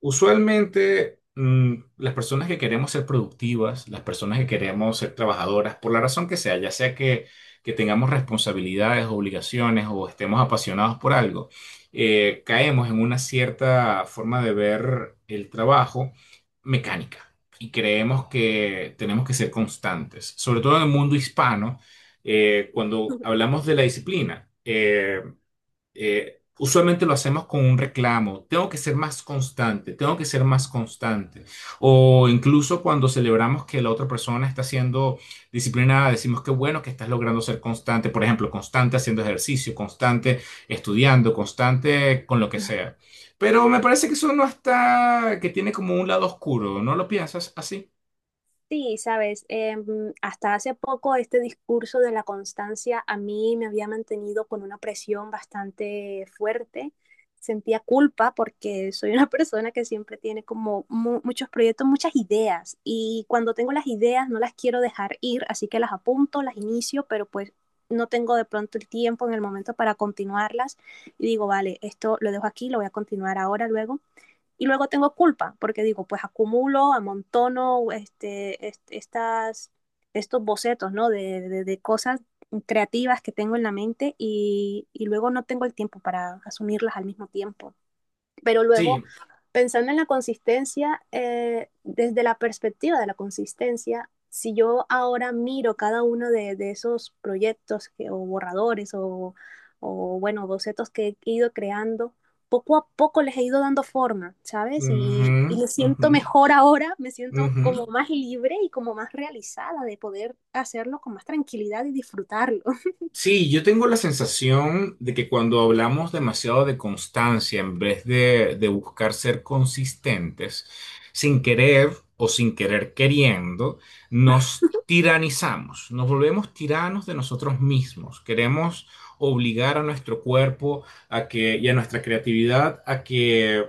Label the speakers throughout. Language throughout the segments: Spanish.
Speaker 1: Usualmente, las personas que queremos ser productivas, las personas que queremos ser trabajadoras, por la razón que sea, ya sea que tengamos responsabilidades, obligaciones o estemos apasionados por algo, caemos en una cierta forma de ver el trabajo mecánica y creemos que tenemos que ser constantes, sobre todo en el mundo hispano, cuando hablamos de la disciplina. Usualmente lo hacemos con un reclamo. Tengo que ser más constante, tengo que ser más constante. O incluso cuando celebramos que la otra persona está siendo disciplinada, decimos que bueno que estás logrando ser constante. Por ejemplo, constante haciendo ejercicio, constante estudiando, constante con lo que sea. Pero me parece que eso no está, que tiene como un lado oscuro. ¿No lo piensas así?
Speaker 2: Sí, sabes, hasta hace poco este discurso de la constancia a mí me había mantenido con una presión bastante fuerte. Sentía culpa porque soy una persona que siempre tiene como muchos proyectos, muchas ideas, y cuando tengo las ideas no las quiero dejar ir, así que las apunto, las inicio, pero pues no tengo de pronto el tiempo en el momento para continuarlas, y digo, vale, esto lo dejo aquí, lo voy a continuar ahora, luego. Y luego tengo culpa porque digo, pues acumulo, amontono este estas, estos bocetos, ¿no? De cosas creativas que tengo en la mente, y luego no tengo el tiempo para asumirlas al mismo tiempo. Pero
Speaker 1: Sí,
Speaker 2: luego, pensando en la consistencia, desde la perspectiva de la consistencia, si yo ahora miro cada uno de esos proyectos que, o borradores o, bueno, bocetos que he ido creando, poco a poco les he ido dando forma, ¿sabes?
Speaker 1: ujú,
Speaker 2: Y me
Speaker 1: ujú,
Speaker 2: siento mejor ahora, me siento
Speaker 1: ujú.
Speaker 2: como más libre y como más realizada de poder hacerlo con más tranquilidad y disfrutarlo.
Speaker 1: Sí, yo tengo la sensación de que cuando hablamos demasiado de constancia, en vez de buscar ser consistentes, sin querer o sin querer queriendo, nos tiranizamos, nos volvemos tiranos de nosotros mismos. Queremos obligar a nuestro cuerpo a que, y a nuestra creatividad a que,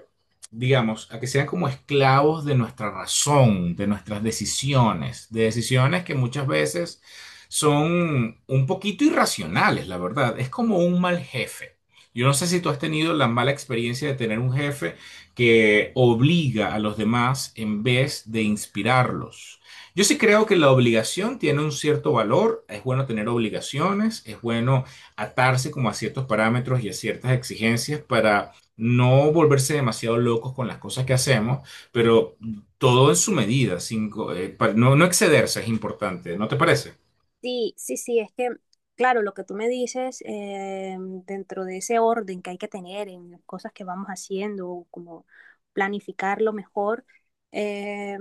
Speaker 1: digamos, a que sean como esclavos de nuestra razón, de nuestras decisiones, de decisiones que muchas veces son un poquito irracionales, la verdad. Es como un mal jefe. Yo no sé si tú has tenido la mala experiencia de tener un jefe que obliga a los demás en vez de inspirarlos. Yo sí creo que la obligación tiene un cierto valor, es bueno tener obligaciones, es bueno atarse como a ciertos parámetros y a ciertas exigencias para no volverse demasiado locos con las cosas que hacemos, pero todo en su medida, sin co- no excederse es importante, ¿no te parece?
Speaker 2: Sí, sí, sí, es que, claro, lo que tú me dices, dentro de ese orden que hay que tener en las cosas que vamos haciendo, como planificarlo mejor, eh,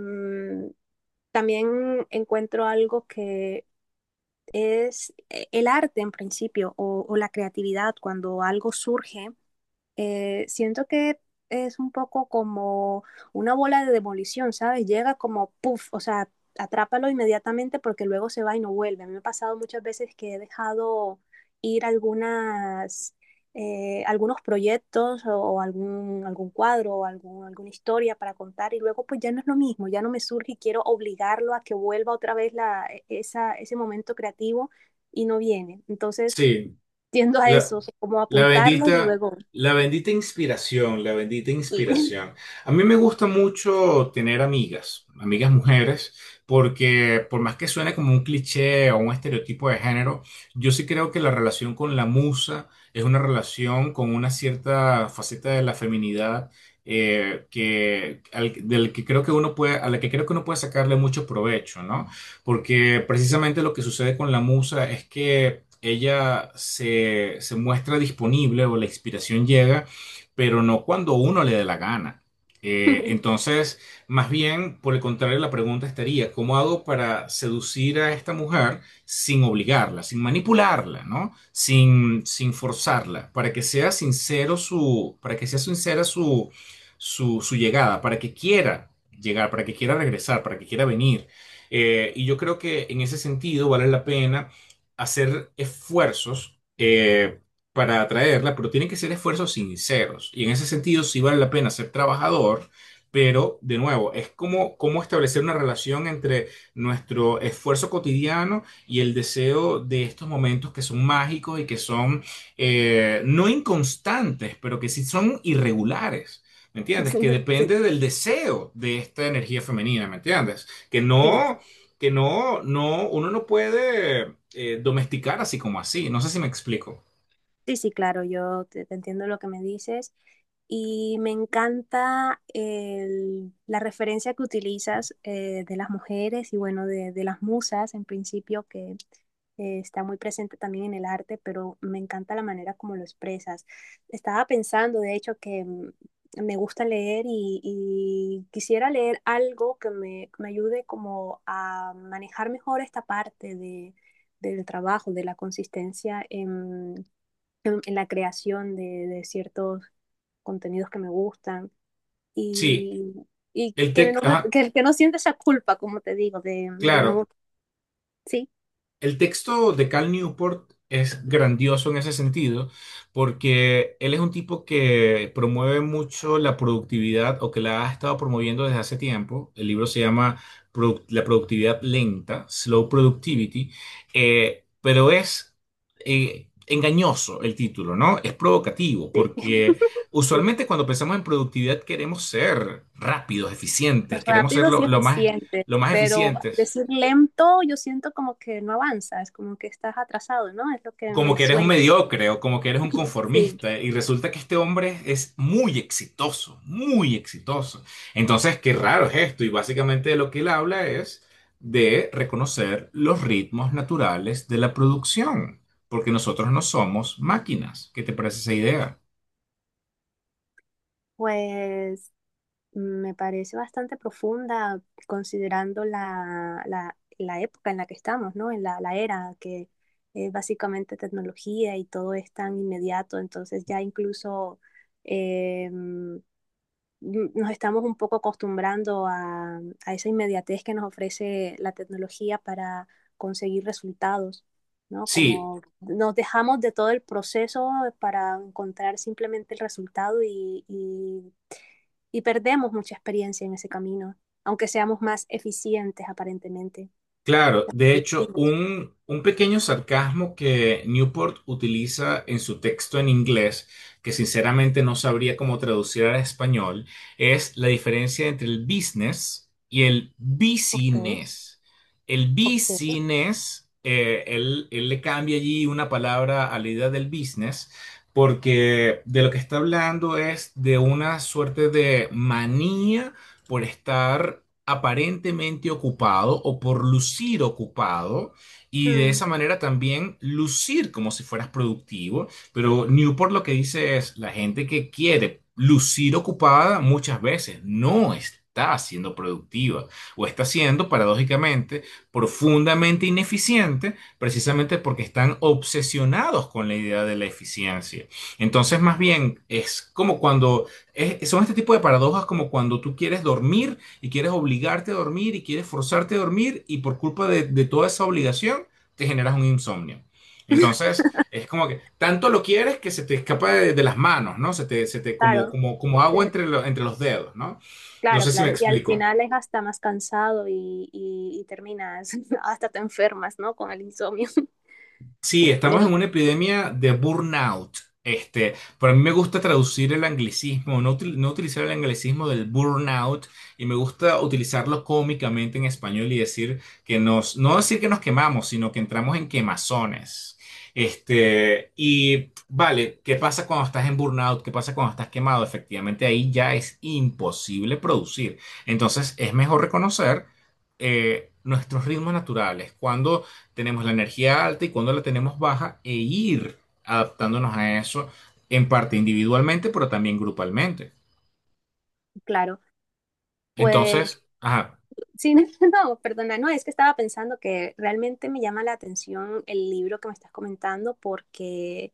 Speaker 2: también encuentro algo que es el arte en principio o la creatividad cuando algo surge, siento que es un poco como una bola de demolición, ¿sabes? Llega como, puff, o sea, atrápalo inmediatamente porque luego se va y no vuelve. A mí me ha pasado muchas veces que he dejado ir algunas, algunos proyectos o algún, algún cuadro o algún, alguna historia para contar, y luego pues ya no es lo mismo, ya no me surge y quiero obligarlo a que vuelva otra vez la, e, esa, ese momento creativo y no viene. Entonces
Speaker 1: Sí,
Speaker 2: tiendo a
Speaker 1: la,
Speaker 2: eso, como
Speaker 1: la
Speaker 2: apuntarlo y
Speaker 1: bendita,
Speaker 2: luego...
Speaker 1: la bendita inspiración, la bendita
Speaker 2: sí.
Speaker 1: inspiración. A mí me gusta mucho tener amigas, amigas mujeres, porque por más que suene como un cliché o un estereotipo de género, yo sí creo que la relación con la musa es una relación con una cierta faceta de la feminidad, que, del que creo que uno puede, a la que creo que uno puede sacarle mucho provecho, ¿no? Porque precisamente lo que sucede con la musa es que ella se muestra disponible o la inspiración llega, pero no cuando uno le dé la gana. Eh, entonces, más bien, por el contrario, la pregunta estaría, ¿cómo hago para seducir a esta mujer sin obligarla, sin manipularla? ¿No? Sin forzarla, para que sea sincera su llegada, para que quiera llegar, para que quiera regresar, para que quiera venir. Y yo creo que en ese sentido vale la pena hacer esfuerzos, para atraerla, pero tienen que ser esfuerzos sinceros. Y en ese sentido sí vale la pena ser trabajador, pero de nuevo, es como, como establecer una relación entre nuestro esfuerzo cotidiano y el deseo de estos momentos que son mágicos y que son, no inconstantes, pero que sí son irregulares. ¿Me entiendes? Que
Speaker 2: Sí,
Speaker 1: depende del deseo de esta energía femenina, ¿me entiendes? Que
Speaker 2: sí.
Speaker 1: no, uno no puede domesticar así como así. No sé si me explico.
Speaker 2: Sí, sí, claro, yo te entiendo lo que me dices, y me encanta la referencia que utilizas, de las mujeres y bueno, de las musas en principio, que está muy presente también en el arte, pero me encanta la manera como lo expresas. Estaba pensando, de hecho, que me gusta leer y quisiera leer algo que me ayude como a manejar mejor esta parte de del trabajo, de la consistencia en la creación de ciertos contenidos que me gustan,
Speaker 1: Sí,
Speaker 2: y, y que,
Speaker 1: ajá,
Speaker 2: que no siente esa culpa, como te digo, de
Speaker 1: claro.
Speaker 2: no, sí,
Speaker 1: El texto de Cal Newport es grandioso en ese sentido, porque él es un tipo que promueve mucho la productividad o que la ha estado promoviendo desde hace tiempo. El libro se llama La productividad lenta, Slow Productivity, pero es, engañoso el título, ¿no? Es provocativo,
Speaker 2: sí,
Speaker 1: porque
Speaker 2: sí,
Speaker 1: usualmente cuando pensamos en productividad queremos ser rápidos, eficientes,
Speaker 2: pues
Speaker 1: queremos ser
Speaker 2: rápido sí
Speaker 1: lo, lo más,
Speaker 2: eficiente,
Speaker 1: lo más
Speaker 2: pero
Speaker 1: eficientes.
Speaker 2: decir lento yo siento como que no avanzas, como que estás atrasado, ¿no? Es lo que
Speaker 1: Como
Speaker 2: me
Speaker 1: que eres un
Speaker 2: suena.
Speaker 1: mediocre o como que eres un
Speaker 2: Sí,
Speaker 1: conformista y resulta que este hombre es muy exitoso, muy exitoso. Entonces, qué raro es esto y básicamente de lo que él habla es de reconocer los ritmos naturales de la producción, porque nosotros no somos máquinas. ¿Qué te parece esa idea?
Speaker 2: pues me parece bastante profunda considerando la, la época en la que estamos, ¿no? En la, la era que es básicamente tecnología y todo es tan inmediato, entonces ya incluso em, nos estamos un poco acostumbrando a esa inmediatez que nos ofrece la tecnología para conseguir resultados, ¿no?
Speaker 1: Sí,
Speaker 2: Como nos dejamos de todo el proceso para encontrar simplemente el resultado y perdemos mucha experiencia en ese camino, aunque seamos más eficientes aparentemente,
Speaker 1: claro, de hecho,
Speaker 2: productivos.
Speaker 1: un pequeño sarcasmo que Newport utiliza en su texto en inglés, que sinceramente no sabría cómo traducir al español, es la diferencia entre el business y el
Speaker 2: Ok,
Speaker 1: business. El
Speaker 2: ok.
Speaker 1: business, él le cambia allí una palabra a la idea del business, porque de lo que está hablando es de una suerte de manía por estar aparentemente ocupado o por lucir ocupado y de
Speaker 2: Mm,
Speaker 1: esa manera también lucir como si fueras productivo. Pero Newport lo que dice es, la gente que quiere lucir ocupada muchas veces no está siendo productiva o está siendo paradójicamente profundamente ineficiente precisamente porque están obsesionados con la idea de la eficiencia. Entonces, más bien, es como cuando, son este tipo de paradojas, como cuando tú quieres dormir y quieres obligarte a dormir y quieres forzarte a dormir y por culpa de toda esa obligación te generas un insomnio. Entonces, es como que tanto lo quieres que se te escapa de las manos, ¿no? Se te como,
Speaker 2: claro,
Speaker 1: como, como agua
Speaker 2: eh,
Speaker 1: entre los dedos, ¿no? No
Speaker 2: claro,
Speaker 1: sé si me
Speaker 2: claro. Y al
Speaker 1: explico.
Speaker 2: final es hasta más cansado y, y terminas, hasta te enfermas, ¿no? Con el insomnio.
Speaker 1: Sí, estamos en una epidemia de burnout. Este, pero a mí me gusta traducir el anglicismo, no, no utilizar el anglicismo del burnout y me gusta utilizarlo cómicamente en español y decir que nos, no decir que nos quemamos, sino que entramos en quemazones. Este, y vale, ¿qué pasa cuando estás en burnout? ¿Qué pasa cuando estás quemado? Efectivamente, ahí ya es imposible producir. Entonces, es mejor reconocer, nuestros ritmos naturales. Cuando tenemos la energía alta y cuando la tenemos baja e ir adaptándonos a eso en parte individualmente, pero también grupalmente.
Speaker 2: Claro. Pues
Speaker 1: Entonces, ajá,
Speaker 2: sí, no, perdona, no, es que estaba pensando que realmente me llama la atención el libro que me estás comentando porque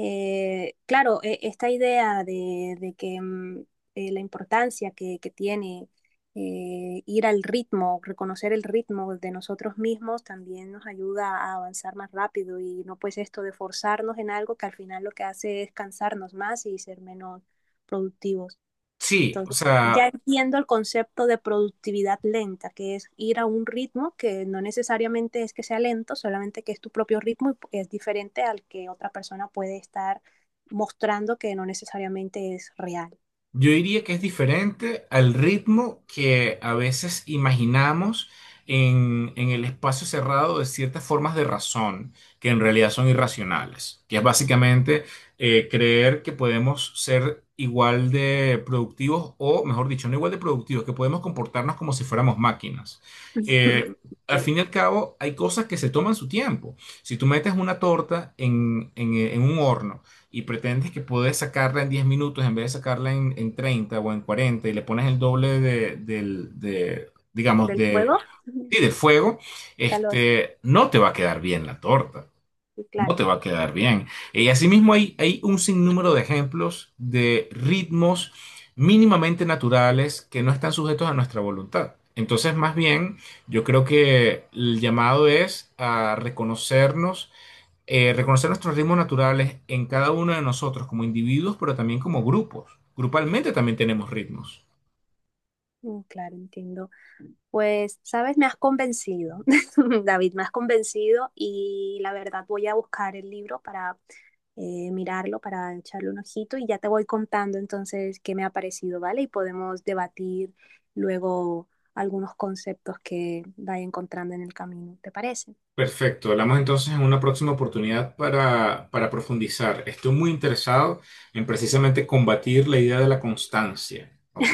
Speaker 2: Claro, esta idea de, de que la importancia que tiene ir al ritmo, reconocer el ritmo de nosotros mismos también nos ayuda a avanzar más rápido y no pues esto de forzarnos en algo que al final lo que hace es cansarnos más y ser menos productivos.
Speaker 1: sí, o
Speaker 2: Entonces, ya
Speaker 1: sea,
Speaker 2: entiendo el concepto de productividad lenta, que es ir a un ritmo que no necesariamente es que sea lento, solamente que es tu propio ritmo y es diferente al que otra persona puede estar mostrando que no necesariamente es real.
Speaker 1: yo diría que es diferente al ritmo que a veces imaginamos en, el espacio cerrado de ciertas formas de razón, que en realidad son irracionales, que es básicamente, creer que podemos ser igual de productivos o, mejor dicho, no igual de productivos, que podemos comportarnos como si fuéramos máquinas. Eh, al
Speaker 2: Okay.
Speaker 1: fin y al cabo, hay cosas que se toman su tiempo. Si tú metes una torta en un horno, y pretendes que puedes sacarla en 10 minutos en vez de sacarla en 30 o en 40 y le pones el doble digamos,
Speaker 2: Del fuego, el
Speaker 1: sí, del fuego,
Speaker 2: calor,
Speaker 1: este, no te va a quedar bien la torta.
Speaker 2: y
Speaker 1: No
Speaker 2: claro.
Speaker 1: te va a quedar bien. Y asimismo hay un sinnúmero de ejemplos de ritmos mínimamente naturales que no están sujetos a nuestra voluntad. Entonces, más bien, yo creo que el llamado es a reconocernos, reconocer nuestros ritmos naturales en cada uno de nosotros como individuos, pero también como grupos. Grupalmente también tenemos ritmos.
Speaker 2: Mm, claro, entiendo. Pues, sabes, me has convencido, David, me has convencido y la verdad voy a buscar el libro para mirarlo para echarle un ojito y ya te voy contando entonces qué me ha parecido, ¿vale? Y podemos debatir luego algunos conceptos que vaya encontrando en el camino, ¿te parece?
Speaker 1: Perfecto, hablamos entonces en una próxima oportunidad para, profundizar. Estoy muy interesado en precisamente combatir la idea de la constancia, ¿ok?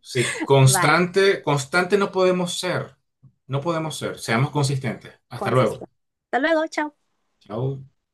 Speaker 1: Sí,
Speaker 2: Vale,
Speaker 1: constante, constante no podemos ser, no podemos ser, seamos consistentes. Hasta luego.
Speaker 2: consistente. Hasta luego, chao.
Speaker 1: Chao.